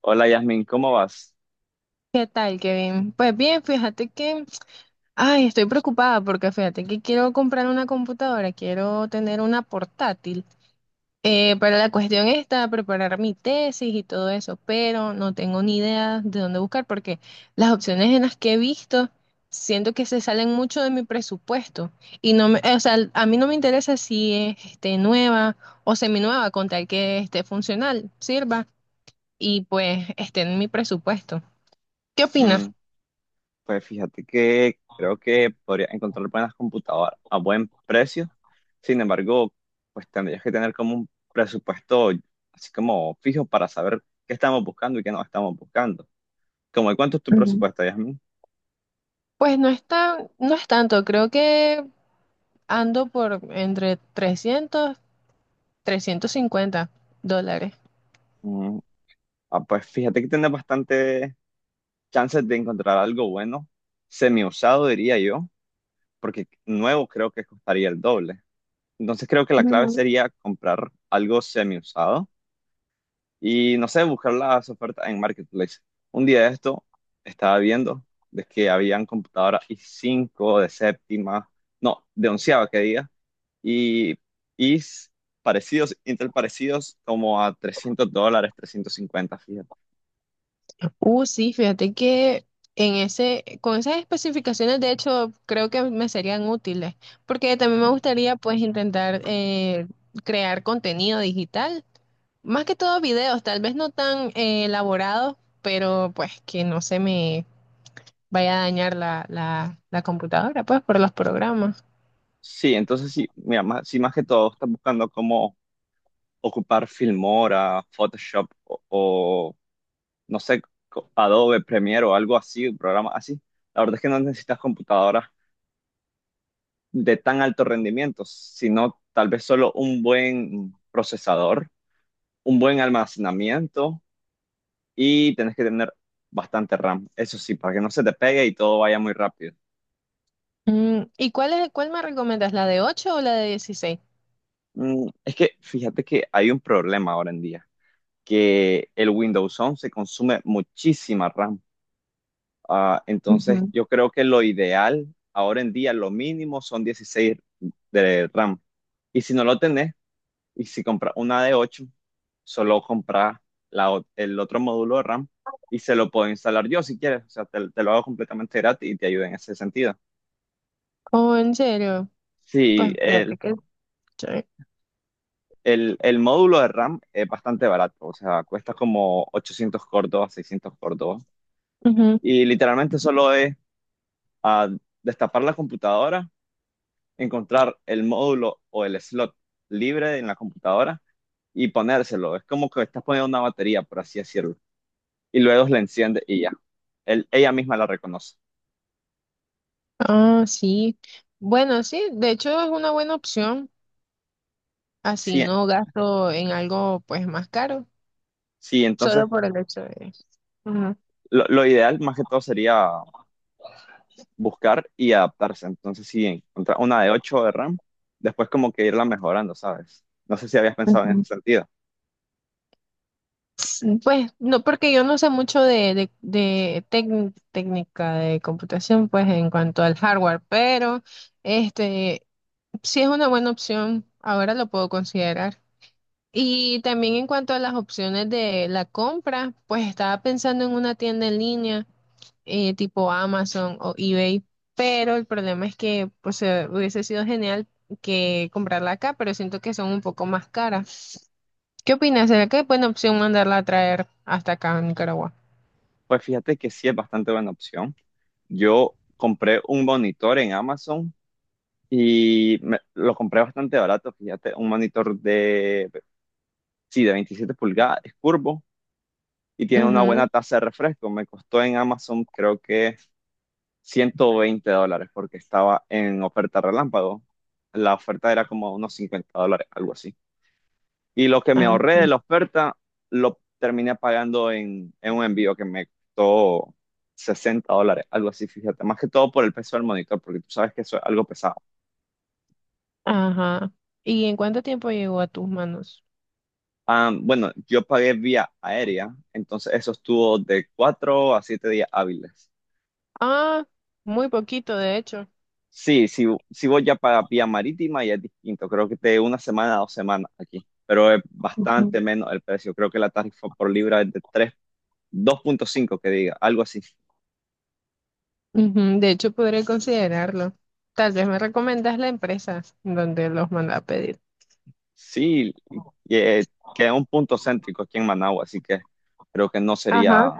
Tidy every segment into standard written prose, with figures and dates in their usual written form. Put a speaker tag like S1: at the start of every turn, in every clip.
S1: Hola Yasmin, ¿cómo vas?
S2: ¿Qué tal, Kevin? Pues bien, fíjate que, ay, estoy preocupada porque fíjate que quiero comprar una computadora, quiero tener una portátil. Pero la cuestión está preparar mi tesis y todo eso, pero no tengo ni idea de dónde buscar porque las opciones en las que he visto siento que se salen mucho de mi presupuesto y no me, o sea, a mí no me interesa si es este, nueva o seminueva con tal que esté funcional, sirva y pues esté en mi presupuesto. ¿Qué
S1: Mm,
S2: opinas?
S1: pues fíjate que creo que podrías encontrar buenas computadoras a buen precio. Sin embargo, pues tendrías que tener como un presupuesto así como fijo para saber qué estamos buscando y qué no estamos buscando. ¿Cómo de cuánto es tu presupuesto, Yasmin?
S2: Pues no es no es tanto, creo que ando por entre 300, 350 dólares.
S1: Mm, pues fíjate que tienes bastante chances de encontrar algo bueno, semi-usado diría yo, porque nuevo creo que costaría el doble. Entonces creo que la clave
S2: Ujú.
S1: sería comprar algo semi-usado y no sé, buscar las ofertas en Marketplace. Un día de esto estaba viendo de que habían computadoras i cinco de séptima, no, de onceava que diga, y i parecidos, Intel parecidos como a 300 dólares, 350 fíjate.
S2: Sí, fíjate que en ese, con esas especificaciones, de hecho, creo que me serían útiles, porque también me gustaría pues intentar crear contenido digital, más que todo videos, tal vez no tan elaborados, pero pues que no se me vaya a dañar la computadora, pues por los programas.
S1: Sí, entonces sí, mira, más, sí, más que todo estás buscando cómo ocupar Filmora, Photoshop o no sé, Adobe Premiere o algo así, un programa así. La verdad es que no necesitas computadoras de tan alto rendimiento, sino tal vez solo un buen procesador, un buen almacenamiento y tenés que tener bastante RAM. Eso sí, para que no se te pegue y todo vaya muy rápido.
S2: Mm, ¿y cuál es, cuál me recomiendas, la de 8 o la de 16?
S1: Es que fíjate que hay un problema ahora en día, que el Windows 11 consume muchísima RAM. Ah, entonces
S2: Ujú.
S1: yo creo que lo ideal ahora en día, lo mínimo son 16 de RAM. Y si no lo tenés, y si compras una de 8 solo compras el otro módulo de RAM y se lo puedo instalar yo si quieres. O sea, te lo hago completamente gratis y te ayuda en ese sentido.
S2: Oh, ¿en serio? Pues
S1: Sí,
S2: fíjate que chévere.
S1: el módulo de RAM es bastante barato. O sea, cuesta como 800 córdobas, 600 córdobas.
S2: Ujú.
S1: Y literalmente solo es ah, destapar la computadora, encontrar el módulo o el slot libre en la computadora y ponérselo. Es como que estás poniendo una batería, por así decirlo. Y luego la enciende y ya. Él- ella misma la reconoce.
S2: Ah, sí. Bueno, sí, de hecho es una buena opción. Así
S1: Sí,
S2: no gasto en algo pues más caro,
S1: sí, entonces
S2: solo por el hecho de... Ujú.
S1: lo ideal más que todo sería buscar y adaptarse. Entonces, si encontrar una de 8 de RAM, después como que irla mejorando, ¿sabes? No sé si habías pensado en
S2: Ujú.
S1: ese sentido.
S2: Sí, pues no, porque yo no sé mucho de técnica de computación, pues en cuanto al hardware, pero este sí es una buena opción. Ahora lo puedo considerar. Y también en cuanto a las opciones de la compra, pues estaba pensando en una tienda en línea, tipo Amazon o eBay, pero el problema es que pues hubiese sido genial que comprarla acá, pero siento que son un poco más caras. ¿Qué opinas? ¿Será que es buena opción mandarla a traer hasta acá a Nicaragua?
S1: Pues fíjate que sí es bastante buena opción. Yo compré un monitor en Amazon y lo compré bastante barato, fíjate, un monitor de, sí, de 27 pulgadas, es curvo y tiene una
S2: Ujú.
S1: buena tasa de refresco. Me costó en Amazon creo que 120 dólares porque estaba en oferta relámpago. La oferta era como unos 50 dólares, algo así. Y lo que me
S2: Ah,
S1: ahorré de
S2: sí.
S1: la oferta lo terminé pagando en un envío que me costó 60 dólares, algo así, fíjate. Más que todo por el peso del monitor, porque tú sabes que eso es algo pesado.
S2: Ajá. ¿Y en cuánto tiempo llegó a tus manos?
S1: Ah, bueno, yo pagué vía aérea, entonces eso estuvo de 4 a 7 días hábiles.
S2: Ah, muy poquito, de hecho.
S1: Sí, si, si voy ya para vía marítima ya es distinto, creo que de una semana a dos semanas aquí, pero es bastante menos el precio, creo que la tarifa por libra es de tres, dos punto cinco que diga, algo así.
S2: Ujú. De hecho, podré considerarlo. Tal vez me recomiendas la empresa donde los manda a pedir.
S1: Sí, y, eh, que es un punto céntrico aquí en Managua, así que creo que no
S2: Ajá,
S1: sería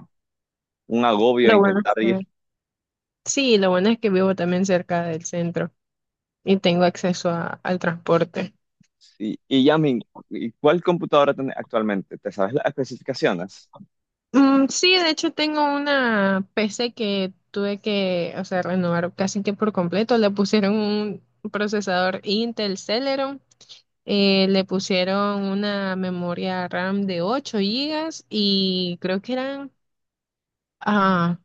S1: un agobio
S2: lo bueno es
S1: intentar
S2: que...
S1: ir.
S2: Sí, lo bueno es que vivo también cerca del centro y tengo acceso al transporte.
S1: Sí, y Yamin, ¿y cuál computadora tenés actualmente? ¿Te sabes las especificaciones?
S2: Mm, sí, de hecho tengo una PC que tuve que, o sea, renovar casi que por completo. Le pusieron un procesador Intel Celeron, le pusieron una memoria RAM de 8 gigas y creo que eran... ah,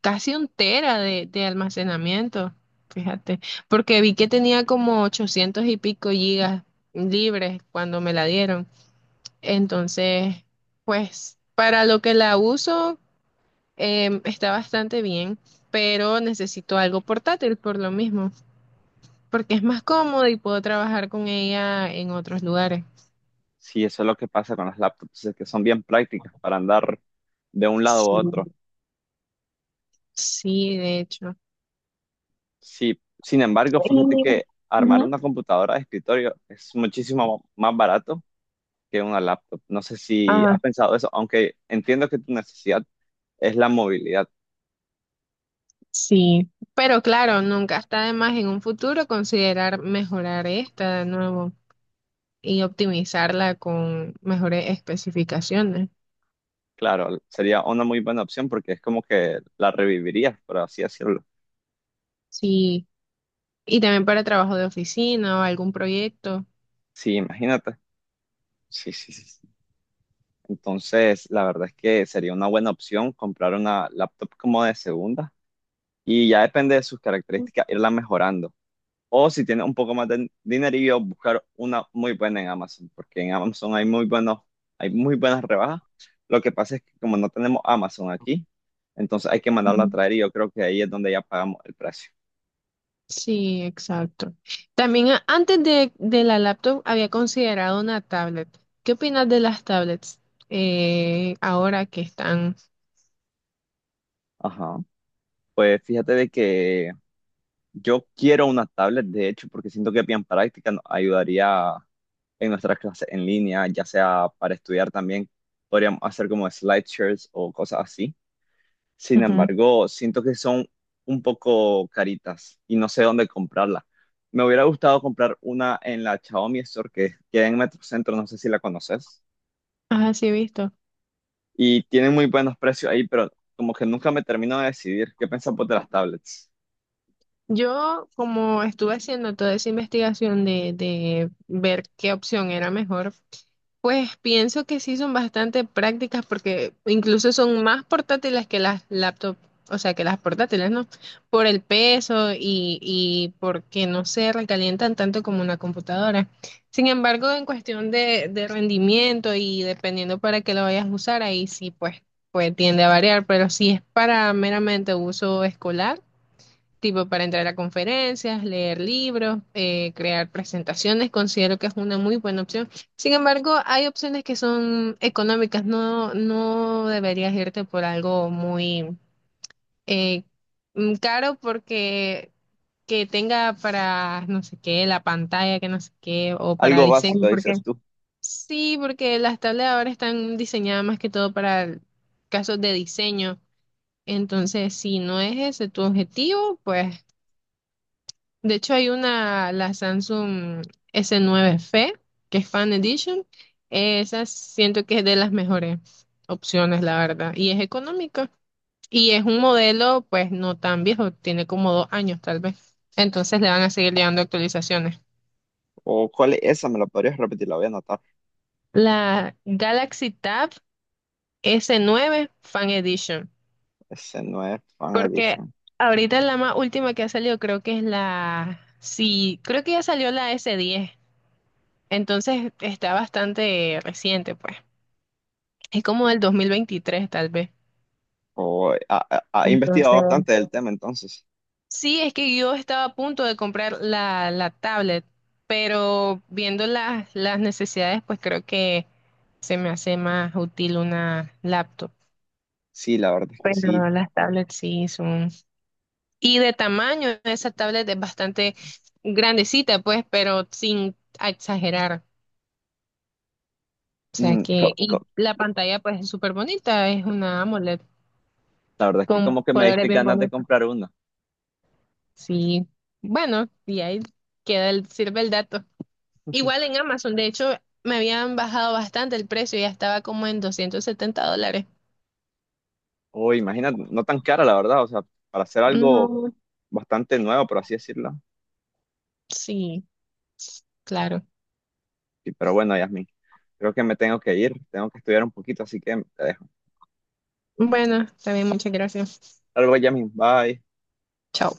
S2: casi un tera de almacenamiento, fíjate, porque vi que tenía como 800 y pico gigas libres cuando me la dieron. Entonces, pues para lo que la uso está bastante bien, pero necesito algo portátil por lo mismo, porque es más cómodo y puedo trabajar con ella en otros lugares.
S1: Sí, eso es lo que pasa con las laptops, es que son bien prácticas para andar de un lado
S2: Sí,
S1: a otro.
S2: sí, de hecho.
S1: Sí, sin embargo, fíjate
S2: Y-
S1: que armar una computadora de escritorio es muchísimo más barato que una laptop. No sé si
S2: ajá.
S1: has pensado eso, aunque entiendo que tu necesidad es la movilidad.
S2: Sí, pero claro, nunca está de más en un futuro considerar mejorar esta de nuevo y optimizarla con mejores especificaciones.
S1: Claro, sería una muy buena opción porque es como que la revivirías, por así decirlo.
S2: Sí, y también para trabajo de oficina o algún proyecto.
S1: Sí, imagínate. Sí, sí, sí, sí. Entonces, la verdad es que sería una buena opción comprar una laptop como de segunda y ya depende de sus características irla mejorando. O si tienes un poco más de dinerillo, buscar una muy buena en Amazon, porque en Amazon hay muy buenas rebajas. Lo que pasa es que como no tenemos Amazon aquí, entonces hay que mandarlo a
S2: Ujú.
S1: traer y yo creo que ahí es donde ya pagamos el precio.
S2: Sí, exacto. También antes de la laptop había considerado una tablet. ¿Qué opinas de las tablets ahora que están?
S1: Ajá. Pues fíjate de que yo quiero una tablet, de hecho, porque siento que es bien práctica, nos ayudaría en nuestras clases en línea, ya sea para estudiar también, podríamos hacer como slideshows o cosas así. Sin
S2: Ujú.
S1: embargo, siento que son un poco caritas y no sé dónde comprarla. Me hubiera gustado comprar una en la Xiaomi Store que queda en Metrocentro, no sé si la conoces.
S2: Ajá, sí, he visto.
S1: Y tienen muy buenos precios ahí, pero como que nunca me termino de decidir. ¿Qué pensás vos de las tablets?
S2: Yo, como estuve haciendo toda esa investigación de ver qué opción era mejor, pues pienso que sí son bastante prácticas porque incluso son más portátiles que las laptops, o sea, que las portátiles, ¿no? Por el peso y porque no se recalientan tanto como una computadora. Sin embargo, en cuestión de rendimiento y dependiendo para qué lo vayas a usar, ahí sí, pues, pues tiende a variar, pero si es para meramente uso escolar tipo para entrar a conferencias, leer libros, crear presentaciones, considero que es una muy buena opción. Sin embargo, hay opciones que son económicas, no, no deberías irte por algo muy eh, caro porque que tenga para no sé qué, la pantalla, que no sé qué, o para
S1: Algo
S2: diseño,
S1: básico,
S2: porque
S1: dices tú.
S2: sí, porque las tablets ahora están diseñadas más que todo para casos de diseño. Entonces, si no es ese tu objetivo, pues de hecho, hay una, la Samsung S9F, que es Fan Edition. Esa siento que es de las mejores opciones, la verdad. Y es económica. Y es un modelo, pues, no tan viejo. Tiene como 2 años, tal vez. Entonces le van a seguir llegando actualizaciones.
S1: ¿O cuál es esa? ¿Me la podrías repetir? La voy a anotar.
S2: La Galaxy Tab S9 Fan Edition.
S1: Ese no es Fan
S2: Porque
S1: Edition.
S2: ahorita la más última que ha salido creo que es la... Sí, creo que ya salió la S10. Entonces está bastante reciente, pues. Es como del 2023, tal vez.
S1: ¿Ha
S2: Entonces,
S1: investigado bastante del tema, entonces?
S2: sí, es que yo estaba a punto de comprar la tablet, pero viendo las necesidades, pues creo que se me hace más útil una laptop.
S1: Sí, la verdad es que sí.
S2: Pero las tablets sí son... Y de tamaño, esa tablet es bastante grandecita, pues, pero sin exagerar. O sea
S1: Mm, co-
S2: que... Y
S1: co-
S2: la pantalla, pues, es súper bonita, es una AMOLED
S1: la verdad es que
S2: con
S1: como que me
S2: colores
S1: diste
S2: bien
S1: ganas de
S2: bonitos.
S1: comprar una.
S2: Sí, bueno, y ahí queda el, sirve el dato. Igual en Amazon, de hecho, me habían bajado bastante el precio, ya estaba como en $270.
S1: O imagínate, no tan cara, la verdad, o sea, para hacer algo
S2: No,
S1: bastante nuevo, por así decirlo.
S2: sí, claro.
S1: Sí, pero bueno, Yasmin, creo que me tengo que ir, tengo que estudiar un poquito, así que te dejo.
S2: Bueno, también muchas gracias.
S1: Hasta luego, Yasmin, bye.
S2: Chao.